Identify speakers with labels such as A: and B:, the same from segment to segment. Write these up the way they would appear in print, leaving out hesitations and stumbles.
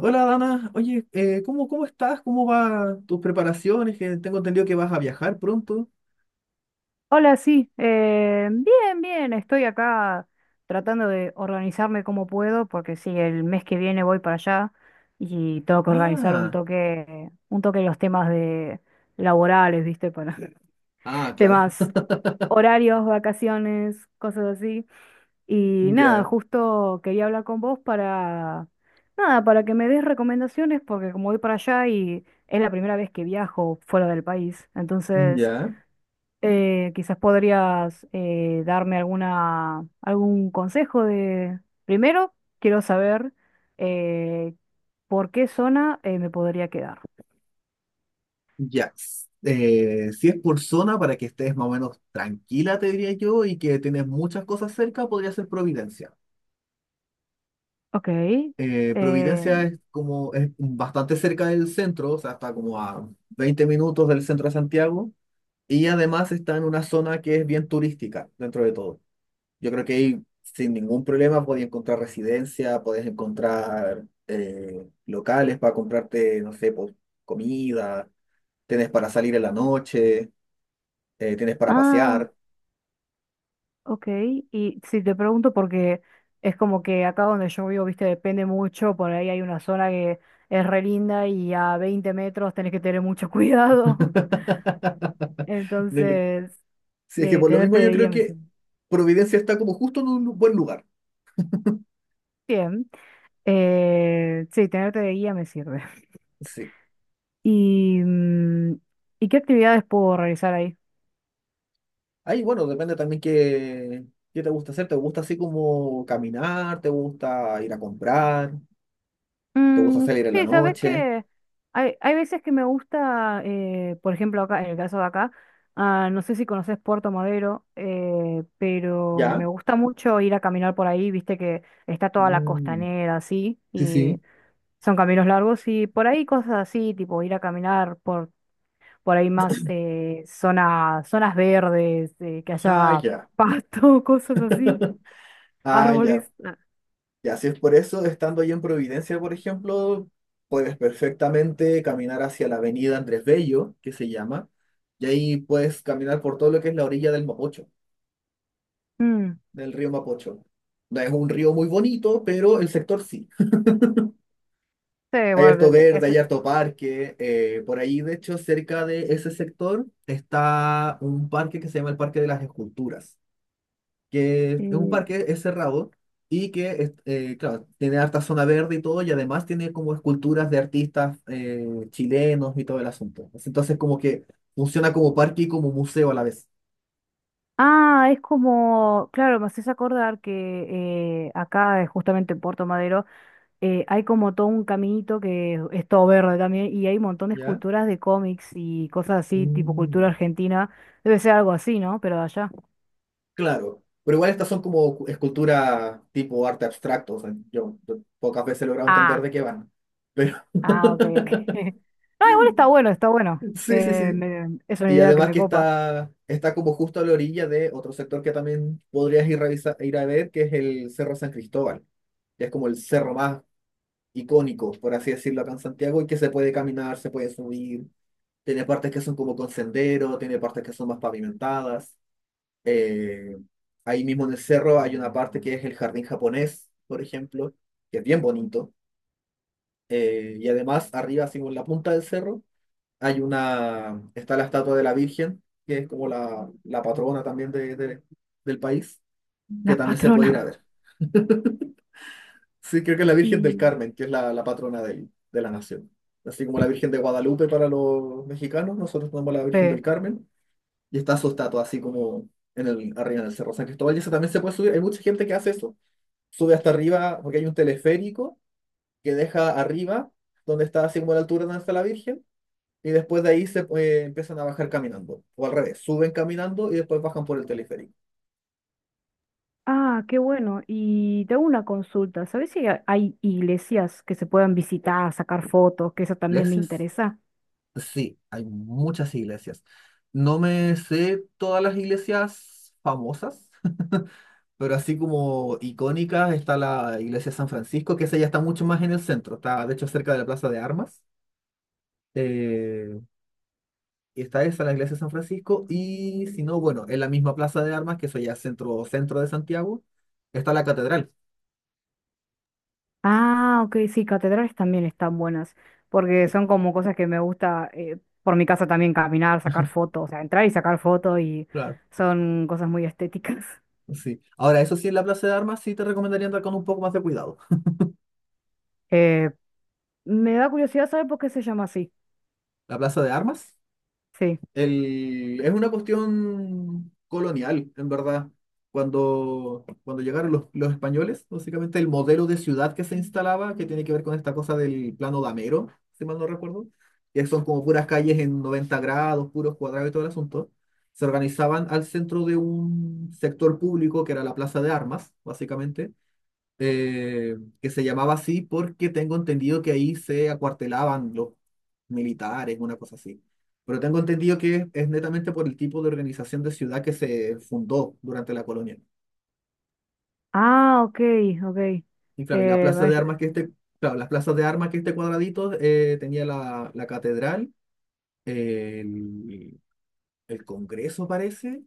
A: Hola Dana, oye, ¿cómo estás? ¿Cómo van tus preparaciones? Que tengo entendido que vas a viajar pronto.
B: Hola, sí. Bien, bien. Estoy acá tratando de organizarme como puedo, porque sí, el mes que viene voy para allá y tengo que organizar un
A: Ah,
B: toque, un toque los temas de laborales, ¿viste? Para
A: ah, claro,
B: temas horarios, vacaciones, cosas así. Y nada,
A: ya,
B: justo quería hablar con vos para, nada, para que me des recomendaciones, porque como voy para allá y es la primera vez que viajo fuera del país, entonces
A: ya,
B: quizás podrías darme alguna, algún consejo de... Primero, quiero saber eh, por qué zona me podría quedar.
A: ya. Si es por zona, para que estés más o menos tranquila, te diría yo, y que tienes muchas cosas cerca, podría ser Providencia.
B: Ok.
A: Providencia
B: eh,
A: es como, es bastante cerca del centro, o sea, está como a 20 minutos del centro de Santiago, y además está en una zona que es bien turística dentro de todo. Yo creo que ahí sin ningún problema podías encontrar residencia, podías encontrar locales para comprarte, no sé, pues, comida, tienes para salir en la noche, tienes para
B: ah,
A: pasear.
B: ok. Y si te pregunto porque es como que acá donde yo vivo, viste, depende mucho. Por ahí hay una zona que es re linda y a 20 metros tenés que tener mucho cuidado.
A: No, yo-
B: Entonces,
A: sí, es que por lo mismo
B: tenerte
A: yo
B: de
A: creo
B: guía me
A: que
B: sirve.
A: Providencia está como justo en un buen lugar.
B: Bien. Sí, tenerte de guía me sirve.
A: Sí.
B: ¿Y, y qué actividades puedo realizar ahí?
A: Ahí, bueno, depende también qué te gusta hacer. ¿Te gusta así como caminar? ¿Te gusta ir a comprar? ¿Te gusta
B: Mm,
A: salir en la
B: sí, sabes
A: noche?
B: que hay veces que me gusta, por ejemplo, acá, en el caso de acá, ah, no sé si conoces Puerto Madero, pero me
A: ¿Ya?
B: gusta mucho ir a caminar por ahí, viste que está toda la
A: Mm,
B: costanera así,
A: sí,
B: y
A: sí.
B: son caminos largos, y por ahí cosas así, tipo ir a caminar por ahí más zonas verdes, que
A: Ah,
B: haya
A: ya.
B: pasto, cosas así,
A: Ah, ya.
B: árboles. Ah,
A: Ya, si es por eso, estando ahí en Providencia, por ejemplo, puedes perfectamente caminar hacia la avenida Andrés Bello, que se llama, y ahí puedes caminar por todo lo que es la orilla del Mapocho,
B: mm,
A: del río Mapocho. No es un río muy bonito, pero el sector sí.
B: sí,
A: Hay harto
B: bueno, de- es,
A: verde, hay harto parque. Por ahí, de hecho, cerca de ese sector está un parque que se llama el Parque de las Esculturas, que es un
B: eh,
A: parque, es cerrado y que, claro, tiene harta zona verde y todo, y además tiene como esculturas de artistas chilenos y todo el asunto. Entonces, como que funciona como parque y como museo a la vez.
B: ah, es como, claro, me haces acordar que acá, justamente en Puerto Madero, hay como todo un caminito que es todo verde también y hay un montón de
A: ¿Ya?
B: esculturas de cómics y cosas así, tipo cultura
A: Mm,
B: argentina. Debe ser algo así, ¿no? Pero de allá.
A: claro, pero igual estas son como esculturas tipo arte abstracto, o sea, yo pocas veces he logrado entender
B: Ah.
A: de qué van. Pero
B: Ah, ok, ok. No, igual está bueno, está bueno.
A: sí, sí, sí.
B: Me- es una
A: Y
B: idea que
A: además
B: me
A: que
B: copa.
A: está, está como justo a la orilla de otro sector que también podrías ir, ir a ver, que es el Cerro San Cristóbal, que es como el cerro más icónico, por así decirlo, acá en Santiago, y que se puede caminar, se puede subir. Tiene partes que son como con sendero, tiene partes que son más pavimentadas. Eh, Ahí mismo en el cerro hay una parte que es el jardín japonés, por ejemplo, que es bien bonito. Y además arriba, así como en la punta del cerro. Hay una, está la estatua de la Virgen, que es como la patrona también del país, que
B: La
A: también se puede ir
B: patrona.
A: a ver. Sí, creo que es la Virgen del
B: Y...
A: Carmen, que es la patrona de la nación. Así como la Virgen de Guadalupe para los mexicanos, nosotros tenemos la Virgen del
B: eh,
A: Carmen y está su estatua así como en el, arriba del Cerro San Cristóbal. Y eso también se puede subir. Hay mucha gente que hace eso. Sube hasta arriba porque hay un teleférico que deja arriba, donde está así como a la altura donde está la Virgen y después de ahí se empiezan a bajar caminando, o al revés, suben caminando y después bajan por el teleférico.
B: Ah, qué bueno. Y te hago una consulta. ¿Sabes si hay iglesias que se puedan visitar, sacar fotos? Que eso también me
A: ¿Iglesias?
B: interesa.
A: Sí, hay muchas iglesias. No me sé todas las iglesias famosas, pero así como icónicas está la iglesia de San Francisco, que esa ya está mucho más en el centro, está de hecho cerca de la Plaza de Armas. Eh, y está esa, la iglesia de San Francisco, y si no, bueno, en la misma Plaza de Armas, que eso ya es centro, centro de Santiago, está la catedral.
B: Ah, ok, sí, catedrales también están buenas. Porque son como cosas que me gusta por mi casa también caminar, sacar fotos. O sea, entrar y sacar fotos y
A: Claro.
B: son cosas muy estéticas.
A: Sí. Ahora, eso sí, en la plaza de armas sí te recomendaría andar con un poco más de cuidado.
B: Eh, me da curiosidad saber por qué se llama así.
A: La plaza de armas
B: Sí.
A: es una cuestión colonial, en verdad. Cuando llegaron los españoles, básicamente el modelo de ciudad que se instalaba, que tiene que ver con esta cosa del plano damero, si mal no recuerdo, que son como puras calles en 90 grados, puros cuadrados y todo el asunto, se organizaban al centro de un sector público que era la plaza de armas, básicamente. Que se llamaba así porque tengo entendido que ahí se acuartelaban los militares, una cosa así. Pero tengo entendido que es netamente por el tipo de organización de ciudad que se fundó durante la colonia.
B: Ah, ok, ok.
A: Y claro, y la
B: Eh,
A: plaza
B: bueno,
A: de
B: yo-
A: armas que este, claro, las plazas de armas que este cuadradito tenía la catedral, el, el Congreso parece,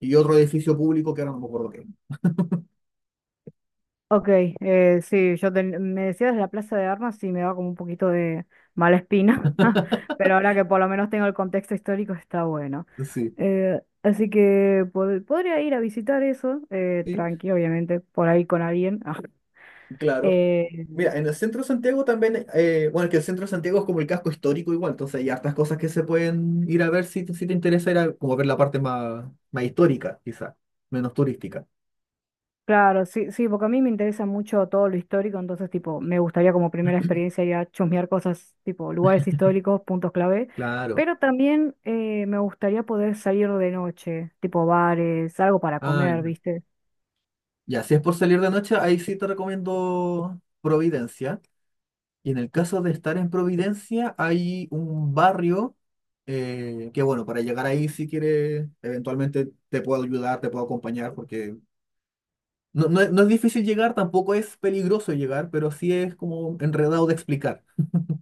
A: y otro edificio público que ahora no me acuerdo qué.
B: ok, sí, me decías la Plaza de Armas y me da como un poquito de mala espina, pero ahora que por lo menos tengo el contexto histórico está bueno.
A: Sí,
B: Así que podría ir a visitar eso,
A: sí,
B: tranqui, obviamente, por ahí con alguien.
A: claro.
B: Eh,
A: Mira, en el centro de Santiago también, bueno, es que el centro de Santiago es como el casco histórico igual, entonces hay hartas cosas que se pueden ir a ver si, si te interesa, era como ver la parte más, más histórica, quizá, menos turística.
B: claro, sí, sí, porque a mí me interesa mucho todo lo histórico, entonces, tipo, me gustaría como primera experiencia ya chusmear cosas, tipo, lugares históricos, puntos clave,
A: Claro.
B: pero también me gustaría poder salir de noche, tipo bares, algo para
A: Ah,
B: comer,
A: ya.
B: ¿viste?
A: Ya, si es por salir de noche, ahí sí te recomiendo Providencia. Y en el caso de estar en Providencia, hay un barrio que, bueno, para llegar ahí, si quieres, eventualmente te puedo ayudar, te puedo acompañar, porque no, no, es no es difícil llegar, tampoco es peligroso llegar, pero sí es como enredado de explicar,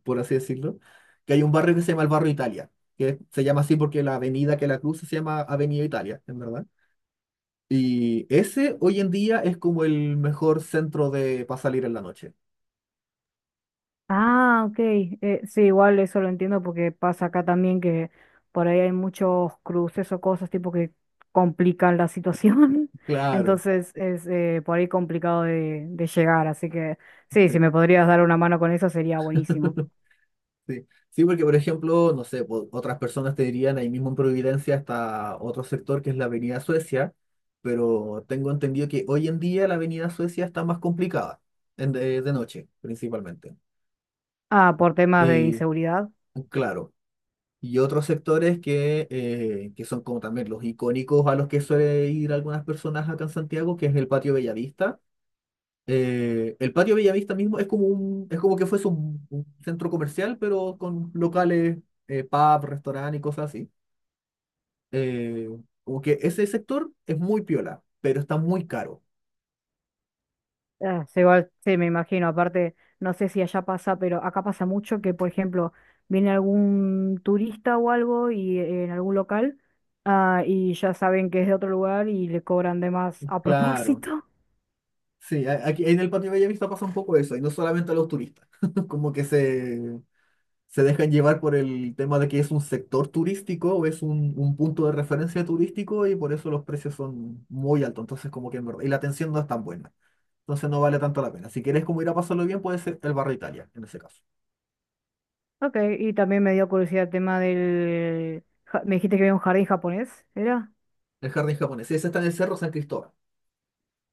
A: por así decirlo, que hay un barrio que se llama el barrio Italia, que se llama así porque la avenida que la cruza se llama Avenida Italia, en verdad. Y ese hoy en día es como el mejor centro de para salir en la noche.
B: Ah, ok, sí, igual eso lo entiendo porque pasa acá también que por ahí hay muchos cruces o cosas, tipo, que complican la situación,
A: Claro.
B: entonces es por ahí complicado de llegar, así que sí, si me podrías dar una mano con eso sería buenísimo.
A: Sí. Sí. Sí, porque por ejemplo, no sé, otras personas te dirían ahí mismo en Providencia hasta otro sector que es la Avenida Suecia, pero tengo entendido que hoy en día la Avenida Suecia está más complicada, en de noche principalmente.
B: Ah, por temas de
A: Y
B: inseguridad.
A: claro, y otros sectores que son como también los icónicos a los que suele ir algunas personas acá en Santiago, que es el Patio Bellavista. El patio Bellavista mismo es como es como que fuese un centro comercial, pero con locales, pub, restaurante y cosas así. Eh, Como que ese sector es muy piola, pero está muy caro.
B: Ah, se va, sí, me imagino. Aparte, no sé si allá pasa, pero acá pasa mucho que, por ejemplo, viene algún turista o algo y en algún local, ah, y ya saben que es de otro lugar y le cobran de más a
A: Claro.
B: propósito.
A: Sí, aquí en el patio Bellavista pasa un poco eso, y no solamente a los turistas, como que se dejan llevar por el tema de que es un sector turístico o es un punto de referencia turístico y por eso los precios son muy altos, entonces como que en verdad- y la atención no es tan buena. Entonces no vale tanto la pena. Si quieres como ir a pasarlo bien, puede ser el barrio Italia, en ese caso.
B: Ok, y también me dio curiosidad el tema del... Me dijiste que había un jardín japonés, ¿era?
A: El jardín japonés. Sí, ese está en el Cerro San Cristóbal.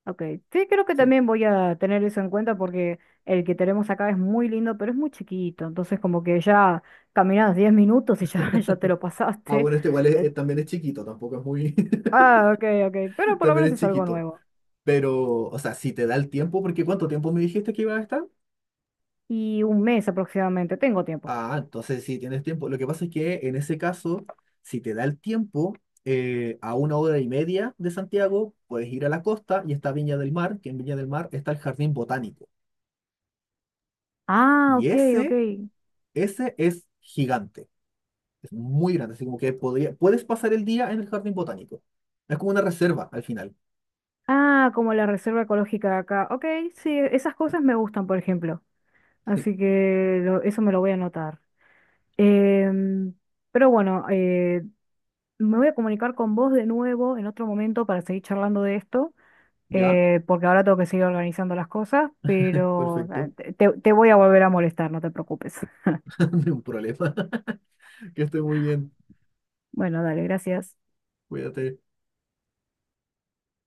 B: Ok, sí, creo que
A: Sí.
B: también voy a tener eso en cuenta porque el que tenemos acá es muy lindo, pero es muy chiquito. Entonces, como que ya caminas 10 minutos y ya, ya te lo
A: Ah,
B: pasaste.
A: bueno, este igual
B: Eh,
A: también es chiquito, tampoco es muy...
B: ah, ok, ok, pero por lo
A: también
B: menos
A: es
B: es algo
A: chiquito.
B: nuevo.
A: Pero, o sea, si te da el tiempo, porque ¿cuánto tiempo me dijiste que iba a estar?
B: Y un mes aproximadamente, tengo tiempo.
A: Ah, entonces si tienes tiempo. Lo que pasa es que en ese caso, si te da el tiempo, a una hora y media de Santiago, puedes ir a la costa y está Viña del Mar, que en Viña del Mar está el jardín botánico.
B: Ah,
A: Y
B: ok, ok.
A: ese es gigante. Es muy grande, así como que puedes pasar el día en el jardín botánico. Es como una reserva al final.
B: Ah, como la reserva ecológica de acá. Ok, sí, esas cosas me gustan, por ejemplo.
A: Sí.
B: Así que eso me lo voy a anotar. Em, pero bueno, me voy a comunicar con vos de nuevo en otro momento para seguir charlando de esto,
A: ¿Ya?
B: porque ahora tengo que seguir organizando las cosas, pero
A: Perfecto.
B: te voy a volver a molestar, no te preocupes.
A: No hay un problema. Que esté muy bien.
B: Bueno, dale, gracias.
A: Cuídate.